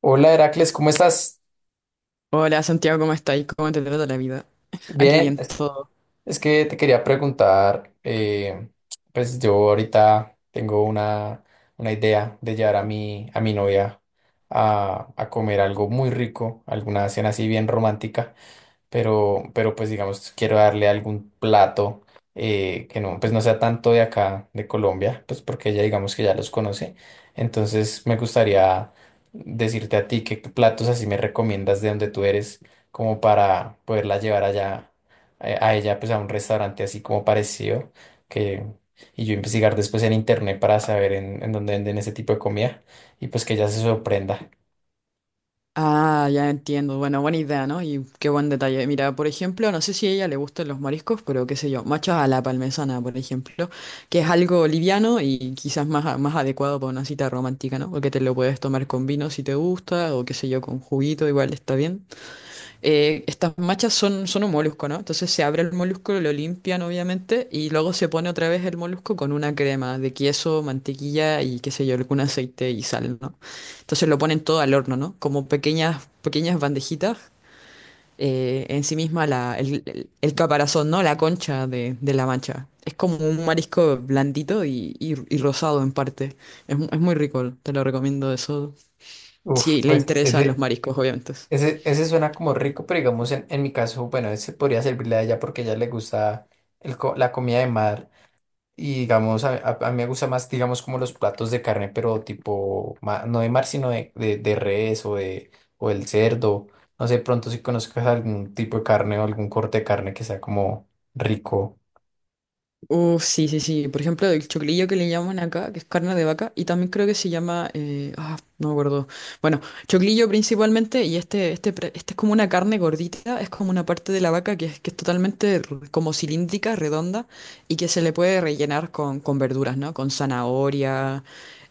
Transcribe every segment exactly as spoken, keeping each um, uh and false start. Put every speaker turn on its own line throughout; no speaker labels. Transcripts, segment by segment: Hola Heracles, ¿cómo estás?
Hola Santiago, ¿cómo estáis? ¿Cómo te trata la vida? Aquí
Bien,
bien
es,
todo.
es que te quería preguntar, eh, pues yo ahorita tengo una, una idea de llevar a mi, a mi novia a, a comer algo muy rico, alguna cena así bien romántica. pero, pero pues digamos, quiero darle algún plato eh, que no, pues no sea tanto de acá, de Colombia, pues porque ella digamos que ya los conoce. Entonces me gustaría decirte a ti qué platos así me recomiendas de donde tú eres, como para poderla llevar allá, eh, a ella, pues a un restaurante así como parecido, que, y yo investigar después en internet para saber en, en dónde venden ese tipo de comida y pues que ella se sorprenda.
Ah, ya entiendo. Bueno, buena idea, ¿no? Y qué buen detalle. Mira, por ejemplo, no sé si a ella le gustan los mariscos, pero qué sé yo, machos a la parmesana, por ejemplo, que es algo liviano y quizás más, a- más adecuado para una cita romántica, ¿no? Porque te lo puedes tomar con vino si te gusta, o qué sé yo, con juguito, igual está bien. Eh, estas machas son, son un molusco, ¿no? Entonces se abre el molusco, lo limpian obviamente y luego se pone otra vez el molusco con una crema de queso, mantequilla y qué sé yo, algún aceite y sal, ¿no? Entonces lo ponen todo al horno, ¿no? Como pequeñas, pequeñas bandejitas, eh, en sí misma la, el, el- el caparazón, ¿no? La concha de, de la mancha. Es como un marisco blandito y, y- y rosado en parte. Es, mu- es muy rico, te lo recomiendo eso.
Uf,
Si le
pues
interesan los
ese,
mariscos, obviamente.
Ese, ese suena como rico, pero digamos en, en mi caso, bueno, ese podría servirle a ella porque a ella le gusta el co- la comida de mar y digamos, a, a- a mí me gusta más, digamos, como los platos de carne, pero tipo, ma- no de mar, sino de, de, de res o de o del cerdo. No sé, pronto si conozcas algún tipo de carne o algún corte de carne que sea como rico.
Uf, sí, sí, sí. Por ejemplo, el choclillo que le llaman acá, que es carne de vaca, y también creo que se llama, eh, ah, no me acuerdo. Bueno, choclillo principalmente, y este, este, pre- este es como una carne gordita, es como una parte de la vaca que es, que es totalmente r- como cilíndrica, redonda, y que se le puede rellenar con, con verduras, ¿no? Con zanahoria,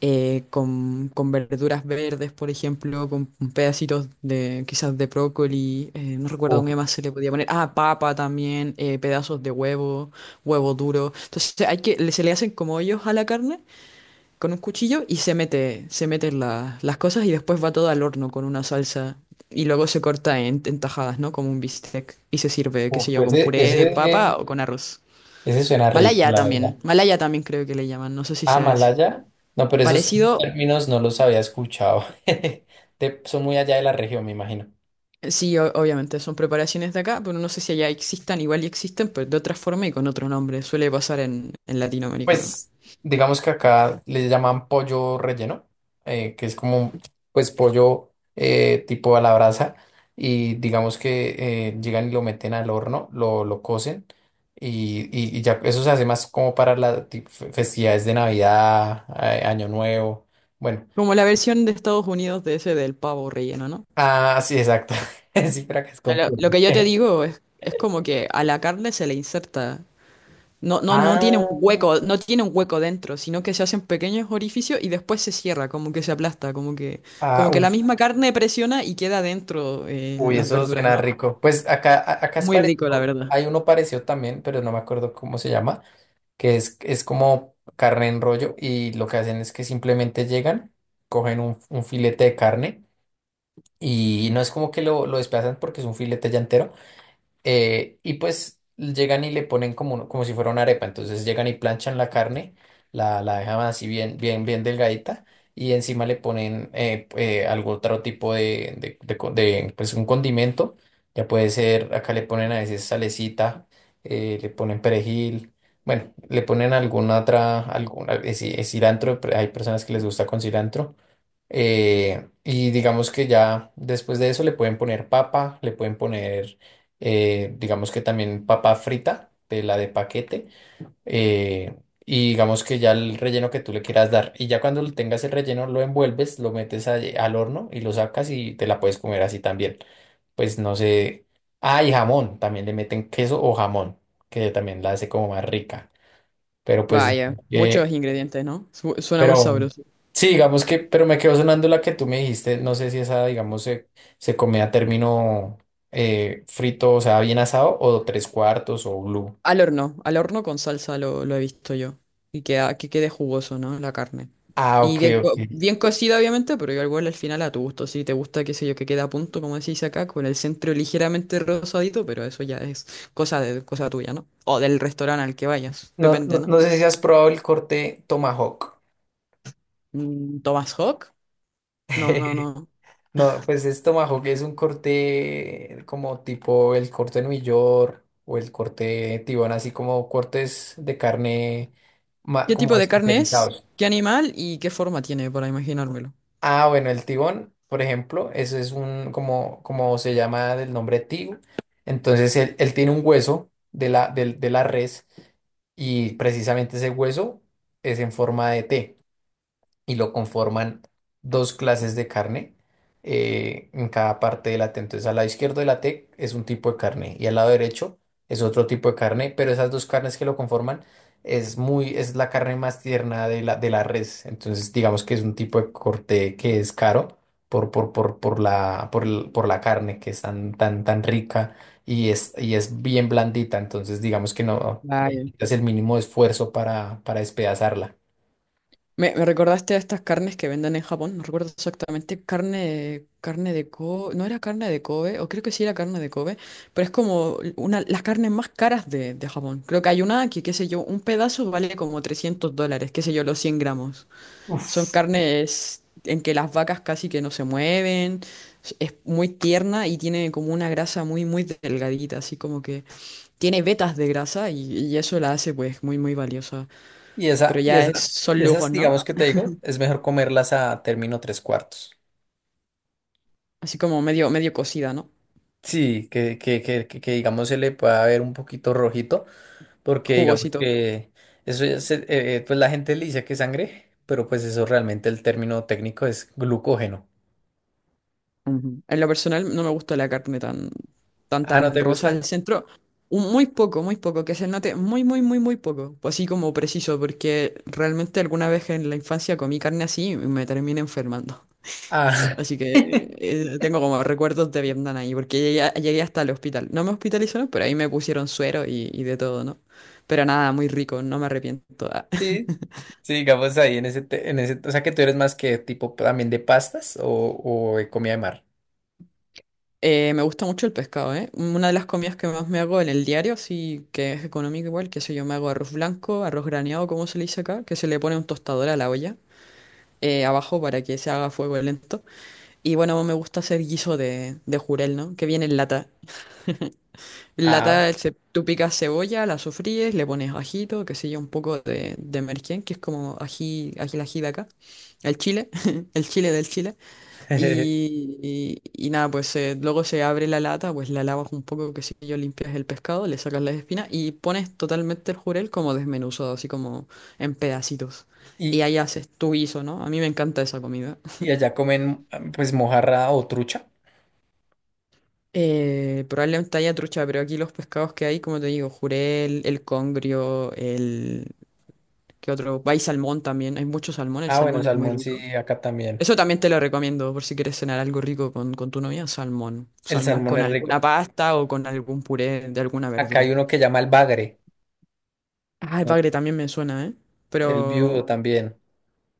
eh, con, con verduras verdes, por ejemplo, con pedacitos de quizás de brócoli, eh, no recuerdo
Uf,
qué más se le podía poner, ah, papa también, eh, pedazos de huevo, huevo duro. Entonces hay que, le- se le hacen como hoyos a la carne con un cuchillo y se mete, se meten la- las cosas y después va todo al horno con una salsa. Y luego se corta en, en tajadas, ¿no? Como un bistec. Y se sirve, qué sé
uf,
yo, con
ese,
puré de
ese,
papa o con arroz.
ese suena rico,
Malaya
la verdad.
también. Malaya también creo que le llaman. No sé si
Ah,
sea ese.
Malaya. No, pero sí. esos esos
Parecido.
términos no los había escuchado. De- son muy allá de la región, me imagino.
Eh, Sí, o- obviamente son preparaciones de acá, pero no sé si allá existan, igual y existen, pero de otra forma y con otro nombre. Suele pasar en, en Latinoamérica, ¿no?
Pues digamos que acá le llaman pollo relleno, eh, que es como pues pollo eh, tipo a la brasa y digamos que eh, llegan y lo meten al horno, lo, lo cocen y, y- y ya eso se hace más como para las ti- fe- festividades de Navidad, eh, Año Nuevo. Bueno,
Como la versión de Estados Unidos de ese del pavo relleno, ¿no?
ah, sí, exacto. Sí, pero acá es
No,
con
Lo,
pollo.
lo que yo te digo es, es como que a la carne se le inserta. No, no, no tiene un
Ah.
hueco, no tiene un hueco dentro, sino que se hacen pequeños orificios y después se cierra, como que se aplasta, como que,
Ah,
como que la
uf,
misma carne presiona y queda dentro eh,
uy,
las
eso
verduras,
suena
¿no?
rico. Pues acá, a- acá es
Muy rico, la
parecido,
verdad.
hay uno parecido también, pero no me acuerdo cómo se llama, que es, es como carne en rollo y lo que hacen es que simplemente llegan, cogen un, un filete de carne y no es como que lo, lo desplazan porque es un filete ya entero. Eh, y pues llegan y le ponen como, un- como si fuera una arepa. Entonces llegan y planchan la carne, la, la dejan así bien, bien, bien delgadita. Y encima le ponen eh, eh, algún otro tipo de, de, de co- de, pues un condimento. Ya puede ser, acá le ponen a veces salecita, eh, le ponen perejil. Bueno, le ponen alguna otra, alguna, eh, sí, eh, cilantro. Pero hay personas que les gusta con cilantro. Eh, y digamos que ya después de eso le pueden poner papa, le pueden poner, eh, digamos que también papa frita, de la de paquete, eh, y digamos que ya el relleno que tú le quieras dar. Y ya cuando tengas el relleno lo envuelves, lo metes a- eh, al horno y lo sacas y te la puedes comer así también. Pues no sé. Ah, y jamón, también le meten queso o jamón, que también la hace como más rica. Pero pues
Vaya,
eh,
muchos ingredientes, ¿no? Su- suena muy
pero
sabroso.
sí, digamos que, pero me quedó sonando la que tú me dijiste. No sé si esa, digamos, se, se come a término eh, frito, o sea, bien asado, o tres cuartos o blue.
Al horno, al horno con salsa lo, lo he visto yo. Y que que quede jugoso, ¿no? La carne.
Ah,
Y
ok,
bien, co-
ok.
bien cocida, obviamente, pero yo igual al final a tu gusto. Si te gusta, qué sé yo, que quede a punto, como decís acá, con el centro ligeramente rosadito, pero eso ya es cosa de, cosa tuya, ¿no? O del restaurante al que vayas,
No,
depende,
no,
¿no?
no sé si has probado el corte tomahawk.
Mm, ¿Thomas Hawk? No, no, no.
No, pues es tomahawk, es un corte como tipo el corte New York o el corte tibón, así como cortes de carne ma-
¿Qué tipo
como
de carne es?
especializados.
¿Qué animal y qué forma tiene, para imaginármelo?
Ah, bueno, el tibón, por ejemplo, ese es un, como, como se llama del nombre tigo. Entonces, él, él tiene un hueso de la, del- de la res y precisamente ese hueso es en forma de T y lo conforman dos clases de carne eh, en cada parte de la T. Entonces, al lado izquierdo de la T es un tipo de carne y al lado derecho es otro tipo de carne, pero esas dos carnes que lo conforman es muy, es la carne más tierna de la, de la res. Entonces, digamos que es un tipo de corte que es caro. Por, por, por, por la, por, el- por la carne que es tan, tan, tan rica y es, y es bien blandita, entonces digamos que no no
Vaya.
necesitas el mínimo esfuerzo para, para despedazarla.
Me, me recordaste a estas carnes que venden en Japón, no recuerdo exactamente, carne, carne de Kobe, no era carne de Kobe, o creo que sí era carne de Kobe, pero es como una, las carnes más caras de, de Japón. Creo que hay una que, qué sé yo, un pedazo vale como trescientos dólares, qué sé yo, los cien gramos. Son
Uf.
carnes en que las vacas casi que no se mueven, es es muy tierna y tiene como una grasa muy, muy delgadita, así como que tiene vetas de grasa y, y eso la hace pues muy, muy valiosa.
Y esa,
Pero
y
ya
esa,
es, son
y esas,
lujos, ¿no?
digamos que te digo, es mejor comerlas a término tres cuartos.
Así como medio, medio cocida, ¿no?
Sí, que, que, que, que, que, digamos se le pueda ver un poquito rojito, porque digamos
Jugosito.
que eso ya se- eh, pues la gente le dice que es sangre, pero pues eso realmente el término técnico es glucógeno.
Ujú. En lo personal no me gusta la carne tan, tan,
Ah, ¿no
tan
te
rosa al
gusta?
centro. un- Muy poco, muy poco, que se note muy, muy, muy, muy poco. Pues así como preciso, porque realmente alguna vez en la infancia comí carne así y me terminé enfermando.
Ah,
Así que eh, tengo como recuerdos de Vietnam ahí, porque llegué, a- llegué hasta el hospital. No me hospitalizaron, pero ahí me pusieron suero y, y de todo, ¿no? Pero nada, muy rico, no me arrepiento. Ah,
sí, sí, digamos ahí en ese, te- en ese, o sea que tú eres más que tipo también de pastas o, o de comida de mar.
Eh, me gusta mucho el pescado, ¿eh? Una de las comidas que más me hago en el diario, sí, que es económico igual, que sé yo, me hago arroz blanco, arroz graneado, como se le dice acá, que se le pone un tostador a la olla eh, abajo para que se haga a fuego lento. Y bueno, me gusta hacer guiso de, de jurel, ¿no? Que viene en lata. En
Ah,
lata se, tú picas cebolla, la sofríes, le pones ajito, qué sé yo, un poco de, de merquén, que es como ají, ají, el ají de acá, el chile, el chile del Chile. Y, y- y nada, pues eh, luego se abre la lata, pues la lavas un poco, que sé yo, limpias el pescado, le sacas las espinas y pones totalmente el jurel como desmenuzado, así como en pedacitos. Y
y,
ahí haces tu guiso, ¿no? A mí me encanta esa comida.
y allá comen pues mojarra o trucha.
Eh, probablemente haya trucha, pero aquí los pescados que hay, como te digo, jurel, el congrio, el… ¿Qué otro? Hay salmón también, hay mucho salmón, el
Ah, bueno,
salmón es muy
salmón sí,
rico.
acá también.
Eso también te lo recomiendo por si quieres cenar algo rico con, con tu novia, salmón.
El
Salmón
salmón
con
es
alguna
rico.
pasta o con algún puré de alguna
Acá hay
verdura.
uno que llama el bagre,
Ah, el
¿no?
bagre también me suena, ¿eh?
El
Pero
viudo también.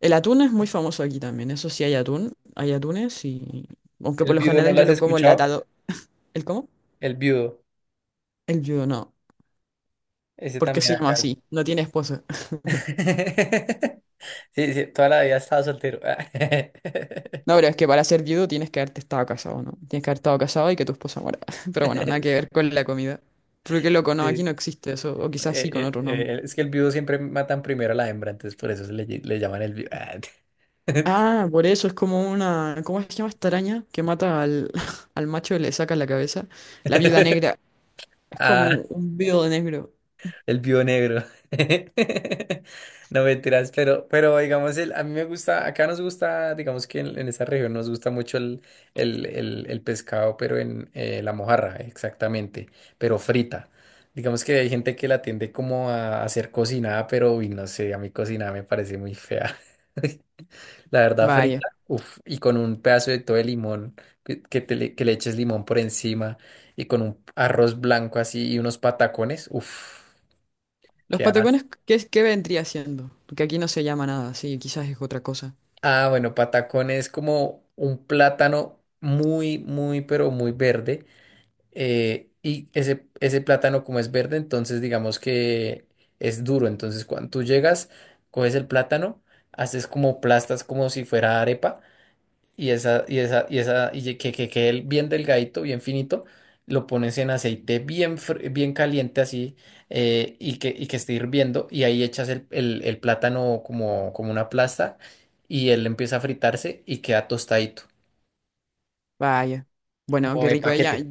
el atún es muy famoso aquí también. Eso sí hay atún, hay atunes y… Aunque por
¿El
lo
viudo no
general
lo
yo
has
lo como
escuchado?
enlatado. ¿El cómo?
El viudo,
El viudo, no.
ese
¿Por qué
también
se llama
acá.
así? No tiene esposa.
Sí, sí, toda la vida he estado soltero.
No, pero es que para ser viudo tienes que haberte estado casado, ¿no? Tienes que haber estado casado y que tu esposa muera. Pero bueno, nada que ver con la comida. Porque loco, no, aquí
Sí.
no existe eso. O quizás sí con
Eh, eh,
otro nombre.
eh, es que el viudo siempre matan primero a la hembra, entonces por eso se le, lle- le llaman el viudo.
Ah, por eso es como una. ¿Cómo se llama esta araña que mata al, al macho y le saca la cabeza? La viuda negra. Es
Ah,
como un viudo negro.
el viudo negro. No mentiras, pero, pero digamos, el, a mí me gusta, acá nos gusta, digamos que en, en esa región nos gusta mucho el, el, el, el pescado, pero en eh, la mojarra, exactamente, pero frita. Digamos que hay gente que la tiende como a, hacer cocinada, pero uy, no sé, a mí cocinada me parece muy fea. La verdad,
Vaya.
frita, uff, y con un pedazo de todo de limón, que, que, te le, que le eches limón por encima, y con un arroz blanco así y unos patacones, uff.
¿Los
¿Qué haces?
patacones qué, es- qué vendría siendo? Porque aquí no se llama nada, sí, quizás es otra cosa.
Ah, bueno, patacón es como un plátano muy, muy, pero muy verde. Eh, y ese, ese plátano como es verde, entonces digamos que es duro. Entonces cuando tú llegas, coges el plátano, haces como plastas como si fuera arepa. Y esa, y esa, y esa, y ye- que, que quede bien delgadito, bien finito, lo pones en aceite bien, fr- bien caliente así, eh, y que, y que esté hirviendo, y ahí echas el, el- el plátano como, como una plasta, y él empieza a fritarse y queda tostadito,
Vaya. Bueno,
como
qué
de
rico ella.
paquete,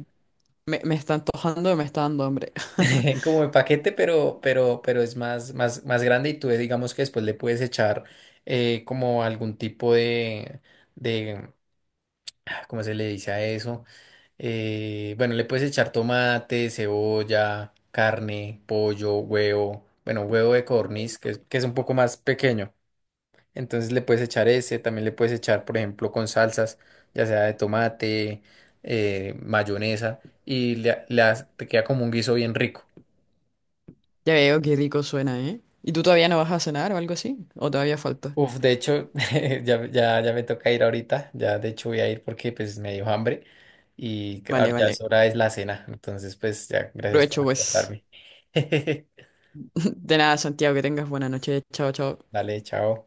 Me, me está antojando, me está dando hambre.
como de paquete, pero, pero, pero es más, más, más grande, y tú digamos que después le puedes echar eh, como algún tipo de, ¿cómo se le dice a eso? Eh, bueno, le puedes echar tomate, cebolla, carne, pollo, huevo, bueno, huevo de codorniz, que, es- que es un poco más pequeño. Entonces le puedes echar ese, también le puedes echar, por ejemplo, con salsas, ya sea de tomate, eh, mayonesa, y le, le has- te queda como un guiso bien rico.
Ya veo qué rico suena, ¿eh? ¿Y tú todavía no vas a cenar o algo así? ¿O todavía falta?
Uf, de hecho, ya, ya, ya me toca ir ahorita, ya de hecho voy a ir porque pues me dio hambre y cre- ahora
Vale,
ya es
vale.
hora es la cena, entonces pues ya, gracias por
Provecho, pues.
acordarme.
De nada, Santiago, que tengas buena noche. Chao, chao.
Dale, chao.